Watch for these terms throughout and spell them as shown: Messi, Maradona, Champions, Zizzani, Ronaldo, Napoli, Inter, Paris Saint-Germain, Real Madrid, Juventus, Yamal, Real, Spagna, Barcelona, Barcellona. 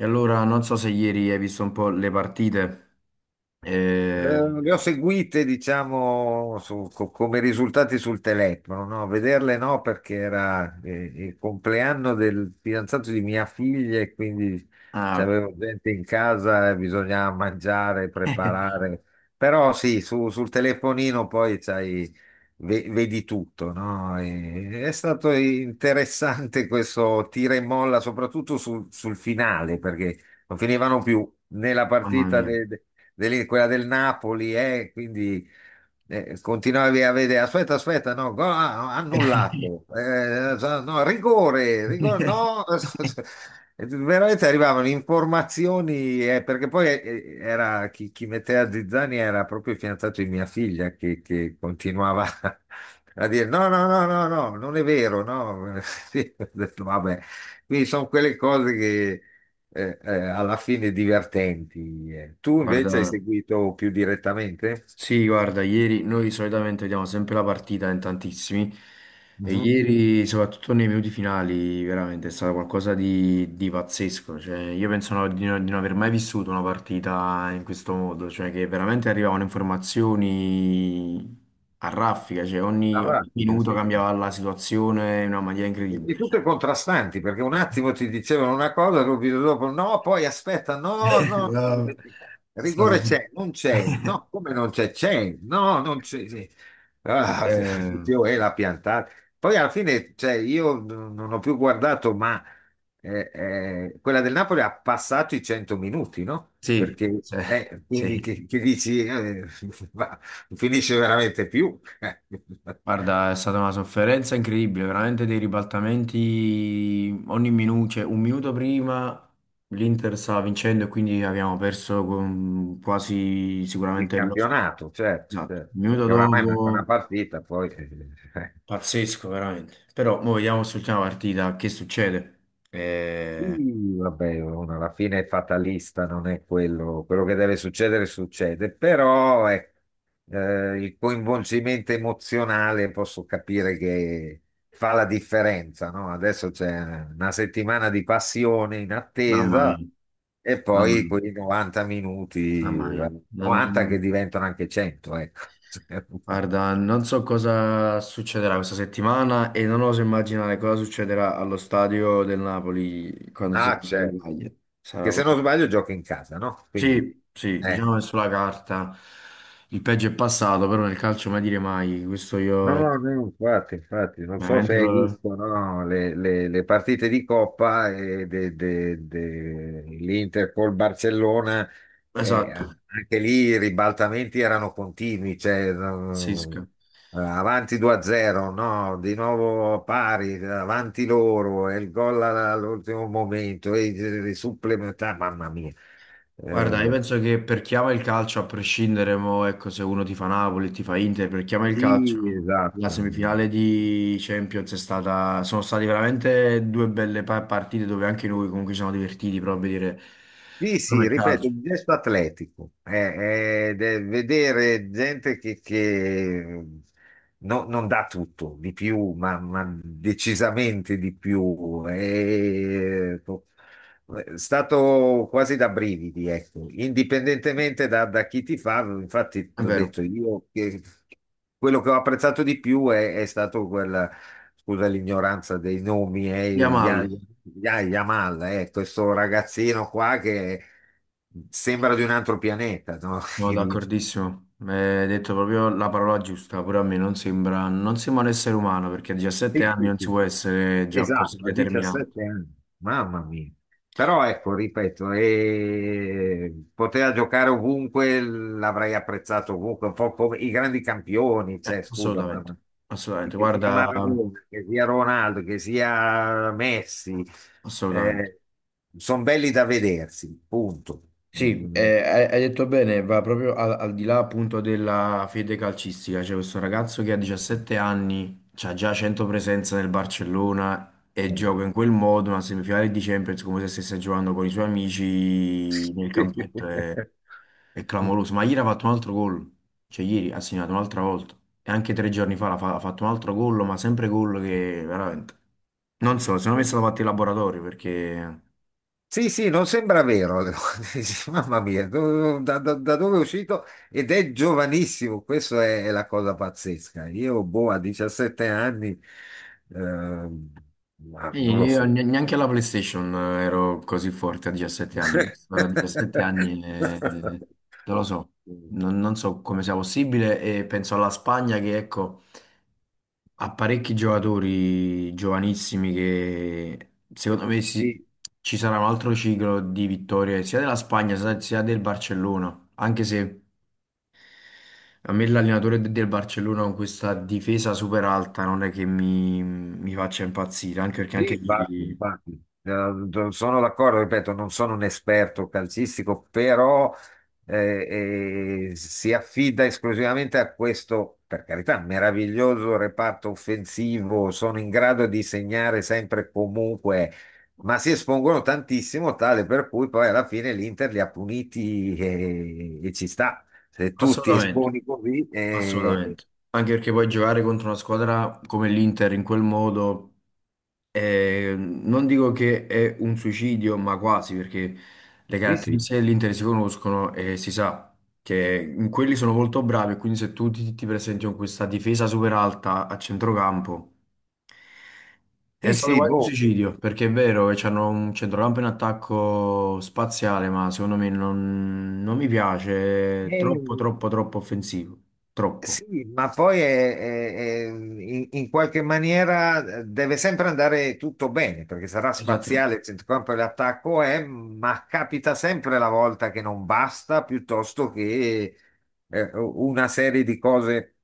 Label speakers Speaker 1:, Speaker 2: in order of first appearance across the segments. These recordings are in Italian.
Speaker 1: E allora non so se ieri hai visto un po' le partite. No,
Speaker 2: Le ho seguite, diciamo, come risultati sul telefono, no? Vederle no, perché era il compleanno del fidanzato di mia figlia e quindi
Speaker 1: ah, ok.
Speaker 2: c'avevo gente in casa e bisognava mangiare, preparare. Però sì, sul telefonino poi c'hai, vedi tutto, no? È stato interessante questo tira e molla, soprattutto sul finale, perché non finivano più né la
Speaker 1: Mamma
Speaker 2: partita
Speaker 1: mia.
Speaker 2: quella del Napoli, quindi continuavi a vedere, aspetta, aspetta, no, gol, ah, no, annullato, so, no, rigore, rigore, no, veramente arrivavano informazioni, perché poi era, chi metteva Zizzani era proprio il fidanzato di mia figlia che continuava a dire no, no, no, no, no, non è vero, no, sì, ho detto, vabbè, quindi sono quelle cose che alla fine divertenti. Tu
Speaker 1: Guarda,
Speaker 2: invece hai seguito più direttamente?
Speaker 1: sì, guarda, ieri noi solitamente vediamo sempre la partita in tantissimi e
Speaker 2: Mhm.
Speaker 1: ieri, soprattutto nei minuti finali, veramente è stato qualcosa di pazzesco. Cioè, io penso di, di non aver mai vissuto una partita in questo modo, cioè che veramente arrivavano informazioni a raffica, cioè
Speaker 2: Ah,
Speaker 1: ogni, ogni
Speaker 2: pratica,
Speaker 1: minuto
Speaker 2: sì, sì.
Speaker 1: cambiava la situazione in una maniera
Speaker 2: E
Speaker 1: incredibile.
Speaker 2: tutte
Speaker 1: Cioè.
Speaker 2: contrastanti, perché un attimo ti dicevano una cosa, subito dopo no, poi aspetta, no, no, no,
Speaker 1: No, è stato...
Speaker 2: rigore c'è, non c'è, no, come non c'è, c'è, no, non c'è. Sì. Ah,
Speaker 1: Eh,
Speaker 2: dicevo, l'ha piantata. Poi alla fine, cioè, io non ho più guardato, ma quella del Napoli ha passato i 100 minuti, no?
Speaker 1: sì,
Speaker 2: Perché,
Speaker 1: cioè,
Speaker 2: quindi
Speaker 1: sì.
Speaker 2: che dici, va, non finisce veramente più.
Speaker 1: Guarda, è stata una sofferenza incredibile, veramente dei ribaltamenti ogni minuto, cioè un minuto prima l'Inter stava vincendo e quindi abbiamo perso con quasi
Speaker 2: Di
Speaker 1: sicuramente lo scopo.
Speaker 2: campionato, certo,
Speaker 1: Esatto.
Speaker 2: certo,
Speaker 1: Un minuto
Speaker 2: perché oramai manca una
Speaker 1: dopo,
Speaker 2: partita.
Speaker 1: pazzesco veramente. Però mo vediamo sull'ultima partita che succede. Eh,
Speaker 2: Sì, vabbè, uno alla fine è fatalista, non è quello, quello che deve succedere succede, però ecco, il coinvolgimento emozionale posso capire che fa la differenza, no? Adesso c'è una settimana di passione in
Speaker 1: Mamma
Speaker 2: attesa
Speaker 1: mia,
Speaker 2: e
Speaker 1: mamma
Speaker 2: poi
Speaker 1: mia,
Speaker 2: quei 90 minuti,
Speaker 1: mamma mia.
Speaker 2: 90 che
Speaker 1: Non-
Speaker 2: diventano anche 100, ecco.
Speaker 1: guarda, non so cosa succederà questa settimana e non oso immaginare cosa succederà allo stadio del Napoli quando ci sarà
Speaker 2: Ah,
Speaker 1: il
Speaker 2: certo.
Speaker 1: Napoli-Cagliari. Sarà
Speaker 2: Che se
Speaker 1: proprio-
Speaker 2: non sbaglio gioca in casa, no? Quindi,
Speaker 1: sì, sì,
Speaker 2: eh.
Speaker 1: diciamo che sulla carta il peggio è passato, però nel calcio mai dire mai. Questo
Speaker 2: No,
Speaker 1: io
Speaker 2: no, no, infatti, infatti, non so se
Speaker 1: veramente
Speaker 2: hai
Speaker 1: lo...
Speaker 2: visto, no, le partite di Coppa e l'Inter col Barcellona,
Speaker 1: Esatto,
Speaker 2: anche lì i ribaltamenti erano continui, cioè, no,
Speaker 1: pazzesco.
Speaker 2: avanti 2-0, no, di nuovo pari, avanti loro, e il gol all'ultimo momento, e i supplementari, mamma mia.
Speaker 1: Guarda, io
Speaker 2: Eh,
Speaker 1: penso che per chi ama il calcio, a prescindere, mo, ecco, se uno ti fa Napoli, ti fa Inter, per chi ama il calcio,
Speaker 2: Sì,
Speaker 1: la
Speaker 2: esatto.
Speaker 1: semifinale di Champions è stata, sono state veramente due belle partite dove anche noi comunque ci siamo divertiti proprio a vedere
Speaker 2: Sì,
Speaker 1: proprio
Speaker 2: sì,
Speaker 1: il
Speaker 2: ripeto,
Speaker 1: calcio.
Speaker 2: un gesto atletico. Ed è vedere gente che non dà tutto, di più, ma decisamente di più. È stato quasi da brividi, ecco. Indipendentemente da chi ti fa, infatti,
Speaker 1: È
Speaker 2: ti ho
Speaker 1: vero.
Speaker 2: detto io che quello che ho apprezzato di più è stato quel scusa l'ignoranza dei nomi, Ya-
Speaker 1: Yamal,
Speaker 2: Yamal, questo ragazzino qua che sembra di un altro pianeta, no?
Speaker 1: sono d'accordissimo, mi hai detto proprio la parola giusta, pure a me non sembra, non sembra un essere umano perché a 17
Speaker 2: Sì,
Speaker 1: anni
Speaker 2: sì,
Speaker 1: non si
Speaker 2: sì.
Speaker 1: può essere già così
Speaker 2: Esatto, a
Speaker 1: determinato.
Speaker 2: 17 anni, mamma mia. Però ecco, ripeto, poteva giocare ovunque, l'avrei apprezzato ovunque, un po' come i grandi campioni, cioè, scusa,
Speaker 1: Assolutamente, assolutamente,
Speaker 2: che sia
Speaker 1: guarda,
Speaker 2: Maradona, che sia Ronaldo, che sia Messi,
Speaker 1: assolutamente.
Speaker 2: sono belli da vedersi, punto.
Speaker 1: Sì,
Speaker 2: Mm.
Speaker 1: hai detto bene, va proprio al, al di là appunto della fede calcistica. C'è questo ragazzo che a 17 anni ha già 100 presenze nel Barcellona e gioca in quel modo una semifinale di Champions come se stesse giocando con i suoi amici nel campetto. È clamoroso. Ma ieri ha fatto un altro gol, cioè ieri ha segnato un'altra volta e anche tre giorni fa ha fatto un altro gol, ma sempre gol che veramente... Non so, secondo me è stato fatto in laboratorio perché...
Speaker 2: Sì, sì, non sembra vero. Dici, mamma mia, da dove è uscito? Ed è giovanissimo, questa è la cosa pazzesca. Io, boh, a 17 anni, ehm, ma
Speaker 1: Sì,
Speaker 2: non lo
Speaker 1: io
Speaker 2: so.
Speaker 1: neanche alla PlayStation ero così forte a 17 anni. A 17 anni non lo so, non, non so come sia possibile e penso alla Spagna che ecco, ha parecchi giocatori giovanissimi che secondo me si-
Speaker 2: Sì,
Speaker 1: ci sarà un altro ciclo di vittorie sia della Spagna sia sia del Barcellona, anche se a me l'allenatore del Barcellona con questa difesa super alta non è che mi faccia impazzire, anche perché
Speaker 2: sì,
Speaker 1: anche
Speaker 2: infatti,
Speaker 1: ieri...
Speaker 2: infatti. Sono d'accordo, ripeto, non sono un esperto calcistico, però si affida esclusivamente a questo, per carità, meraviglioso reparto offensivo, sono in grado di segnare sempre e comunque, ma si espongono tantissimo, tale per cui poi alla fine l'Inter li ha puniti e ci sta. Se tu ti
Speaker 1: Assolutamente.
Speaker 2: esponi così,
Speaker 1: Assolutamente. Anche perché poi giocare contro una squadra come l'Inter in quel modo, è- non dico che è un suicidio, ma quasi, perché le
Speaker 2: sì, sì,
Speaker 1: caratteristiche dell'Inter si conoscono e si sa che in quelli sono molto bravi, e quindi se tu ti, ti presenti con questa difesa super alta a centrocampo, è
Speaker 2: sì,
Speaker 1: stato
Speaker 2: sì,
Speaker 1: quasi un
Speaker 2: boh.
Speaker 1: suicidio, perché è vero che c'hanno un centrocampo in attacco spaziale, ma secondo me non, non mi piace, è
Speaker 2: Eh,
Speaker 1: troppo, troppo, troppo offensivo, troppo.
Speaker 2: Sì, ma poi in qualche maniera deve sempre andare tutto bene, perché sarà
Speaker 1: Esattamente.
Speaker 2: spaziale il centrocampo e l'attacco è, ma capita sempre la volta che non basta, piuttosto che una serie di cose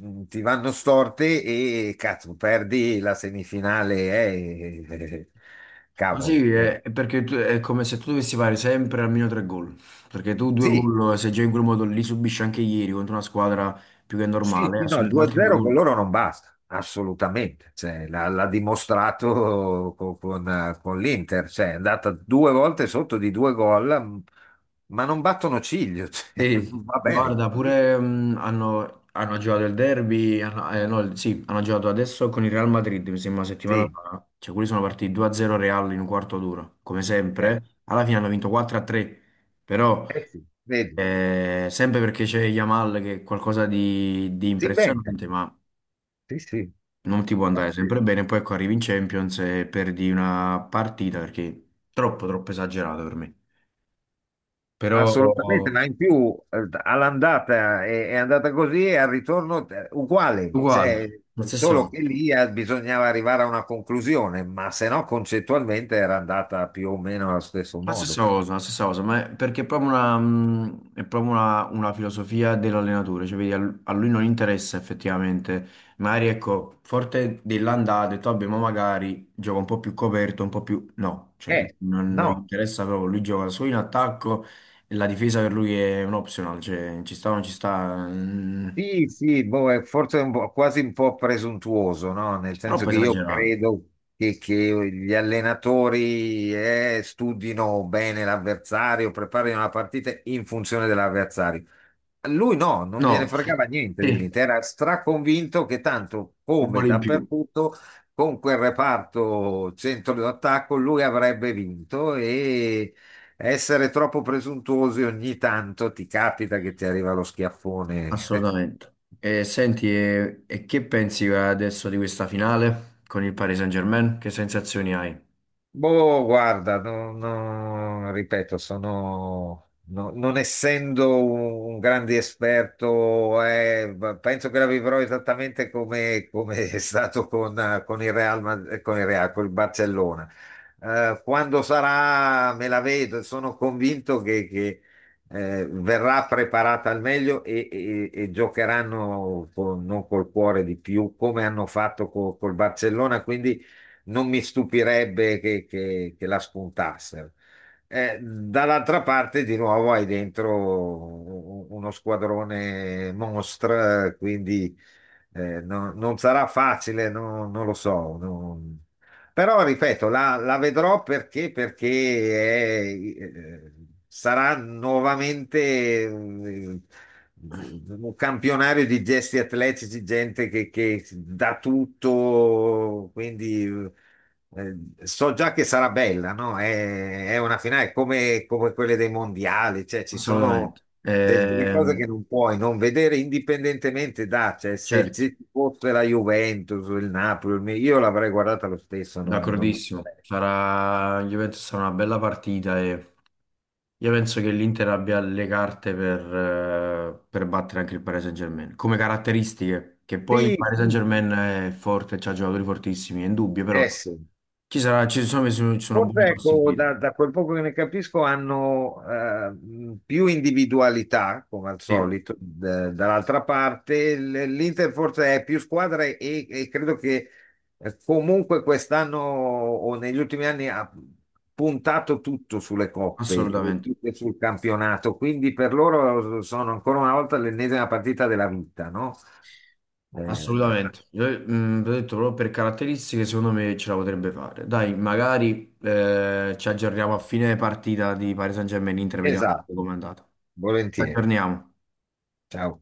Speaker 2: ti vanno storte e cazzo, perdi la semifinale, eh,
Speaker 1: Ma
Speaker 2: cavolo.
Speaker 1: sì, è perché tu- è come se tu dovessi fare sempre almeno tre gol, perché tu due
Speaker 2: Sì.
Speaker 1: gol, se giochi in quel modo li subisci anche ieri contro una squadra più che
Speaker 2: Sì,
Speaker 1: normale, ha
Speaker 2: sì, no, il
Speaker 1: subito altri due
Speaker 2: 2-0 con
Speaker 1: gol.
Speaker 2: loro non basta, assolutamente. Cioè, l'ha dimostrato con l'Inter, cioè, è andata due volte sotto di due gol, ma non battono ciglio. Cioè,
Speaker 1: Sì,
Speaker 2: va bene,
Speaker 1: guarda,
Speaker 2: sì,
Speaker 1: pure hanno, hanno giocato il derby, hanno, no, il- sì, hanno giocato adesso con il Real Madrid, mi sembra una settimana
Speaker 2: sì,
Speaker 1: fa, cioè quelli sono partiti 2-0 Real in un quarto d'ora, come
Speaker 2: eh,
Speaker 1: sempre, alla fine hanno vinto 4-3, però
Speaker 2: eh sì, vedi,
Speaker 1: sempre perché c'è Yamal che è qualcosa di
Speaker 2: si inventa,
Speaker 1: impressionante, ma...
Speaker 2: sì, sì.
Speaker 1: non ti può andare sempre bene, poi ecco arrivi in Champions e perdi una partita perché è troppo, troppo esagerato per me. Però
Speaker 2: Assolutamente,
Speaker 1: ok.
Speaker 2: ma in più all'andata è andata così e al ritorno uguale,
Speaker 1: Uguale,
Speaker 2: cioè,
Speaker 1: la stessa
Speaker 2: solo
Speaker 1: cosa.
Speaker 2: che lì bisognava arrivare a una conclusione, ma se no concettualmente era andata più o meno allo stesso
Speaker 1: La
Speaker 2: modo.
Speaker 1: stessa cosa, la stessa cosa, ma è perché è proprio una filosofia dell'allenatore, cioè vedi, a a lui non interessa effettivamente, magari ecco, forte dell'andata, ha detto vabbè, ma magari gioca un po' più coperto, un po' più... No, cioè
Speaker 2: Eh,
Speaker 1: non, non gli
Speaker 2: no,
Speaker 1: interessa proprio, lui gioca solo in attacco e la difesa per lui è un optional, cioè ci sta o non ci sta, mm,
Speaker 2: sì, sì, boh, è forse un po', quasi un po' presuntuoso, no? Nel senso
Speaker 1: troppo
Speaker 2: che io
Speaker 1: esagerato.
Speaker 2: credo che gli allenatori studino bene l'avversario, preparino la partita in funzione dell'avversario. Lui no, non gliene
Speaker 1: No,
Speaker 2: fregava niente
Speaker 1: sì,
Speaker 2: dell'Inter, era straconvinto che tanto
Speaker 1: un
Speaker 2: come
Speaker 1: po' in più.
Speaker 2: dappertutto con quel reparto centro d'attacco lui avrebbe vinto e essere troppo presuntuosi ogni tanto ti capita che ti arriva lo schiaffone.
Speaker 1: Assolutamente. E senti, e che pensi adesso di questa finale con il Paris Saint-Germain? Che sensazioni hai?
Speaker 2: Boh, guarda, no, ripeto, sono, non essendo un grande esperto, penso che la vivrò esattamente come è stato con il con il Real, con il Barcellona. Quando sarà, me la vedo, sono convinto verrà preparata al meglio e giocheranno non col cuore di più, come hanno fatto col Barcellona. Quindi non mi stupirebbe che la spuntassero. Dall'altra parte, di nuovo, hai dentro uno squadrone mostra, quindi non sarà facile, non lo so. Però, ripeto, la vedrò perché è- eh, sarà nuovamente un campionario di gesti atletici, gente che dà tutto, quindi eh, so già che sarà bella, no? È una finale come quelle dei mondiali, cioè ci
Speaker 1: Assolutamente.
Speaker 2: sono delle cose che non puoi non vedere indipendentemente da, cioè se
Speaker 1: Certo,
Speaker 2: se ci fosse la Juventus, il Napoli, io l'avrei guardata lo stesso, non, non... mi
Speaker 1: d'accordissimo. Sarà, io penso sarà una bella partita e io penso che l'Inter abbia le carte per battere anche il Paris Saint-Germain. Come caratteristiche, che poi il
Speaker 2: interessa. Sì,
Speaker 1: Paris
Speaker 2: sì, mi
Speaker 1: Saint-Germain è forte, c'ha giocatori fortissimi, è indubbio, però
Speaker 2: interessa.
Speaker 1: ci sarà, ci sono
Speaker 2: Forse
Speaker 1: buone
Speaker 2: ecco,
Speaker 1: possibilità.
Speaker 2: da quel poco che ne capisco, hanno più individualità, come al
Speaker 1: Sì,
Speaker 2: solito, dall'altra parte. L'Inter forse è più squadra e credo che comunque quest'anno o negli ultimi anni ha puntato tutto sulle coppe,
Speaker 1: assolutamente.
Speaker 2: più che sul campionato. Quindi per loro sono ancora una volta l'ennesima partita della vita, no? Eh,
Speaker 1: Assolutamente, io, mm, vi ho detto proprio per caratteristiche, secondo me ce la potrebbe fare. Dai, magari ci aggiorniamo a fine partita di Paris Saint-Germain Inter, vediamo
Speaker 2: esatto,
Speaker 1: come è andata. Ci
Speaker 2: volentieri.
Speaker 1: aggiorniamo.
Speaker 2: Ciao.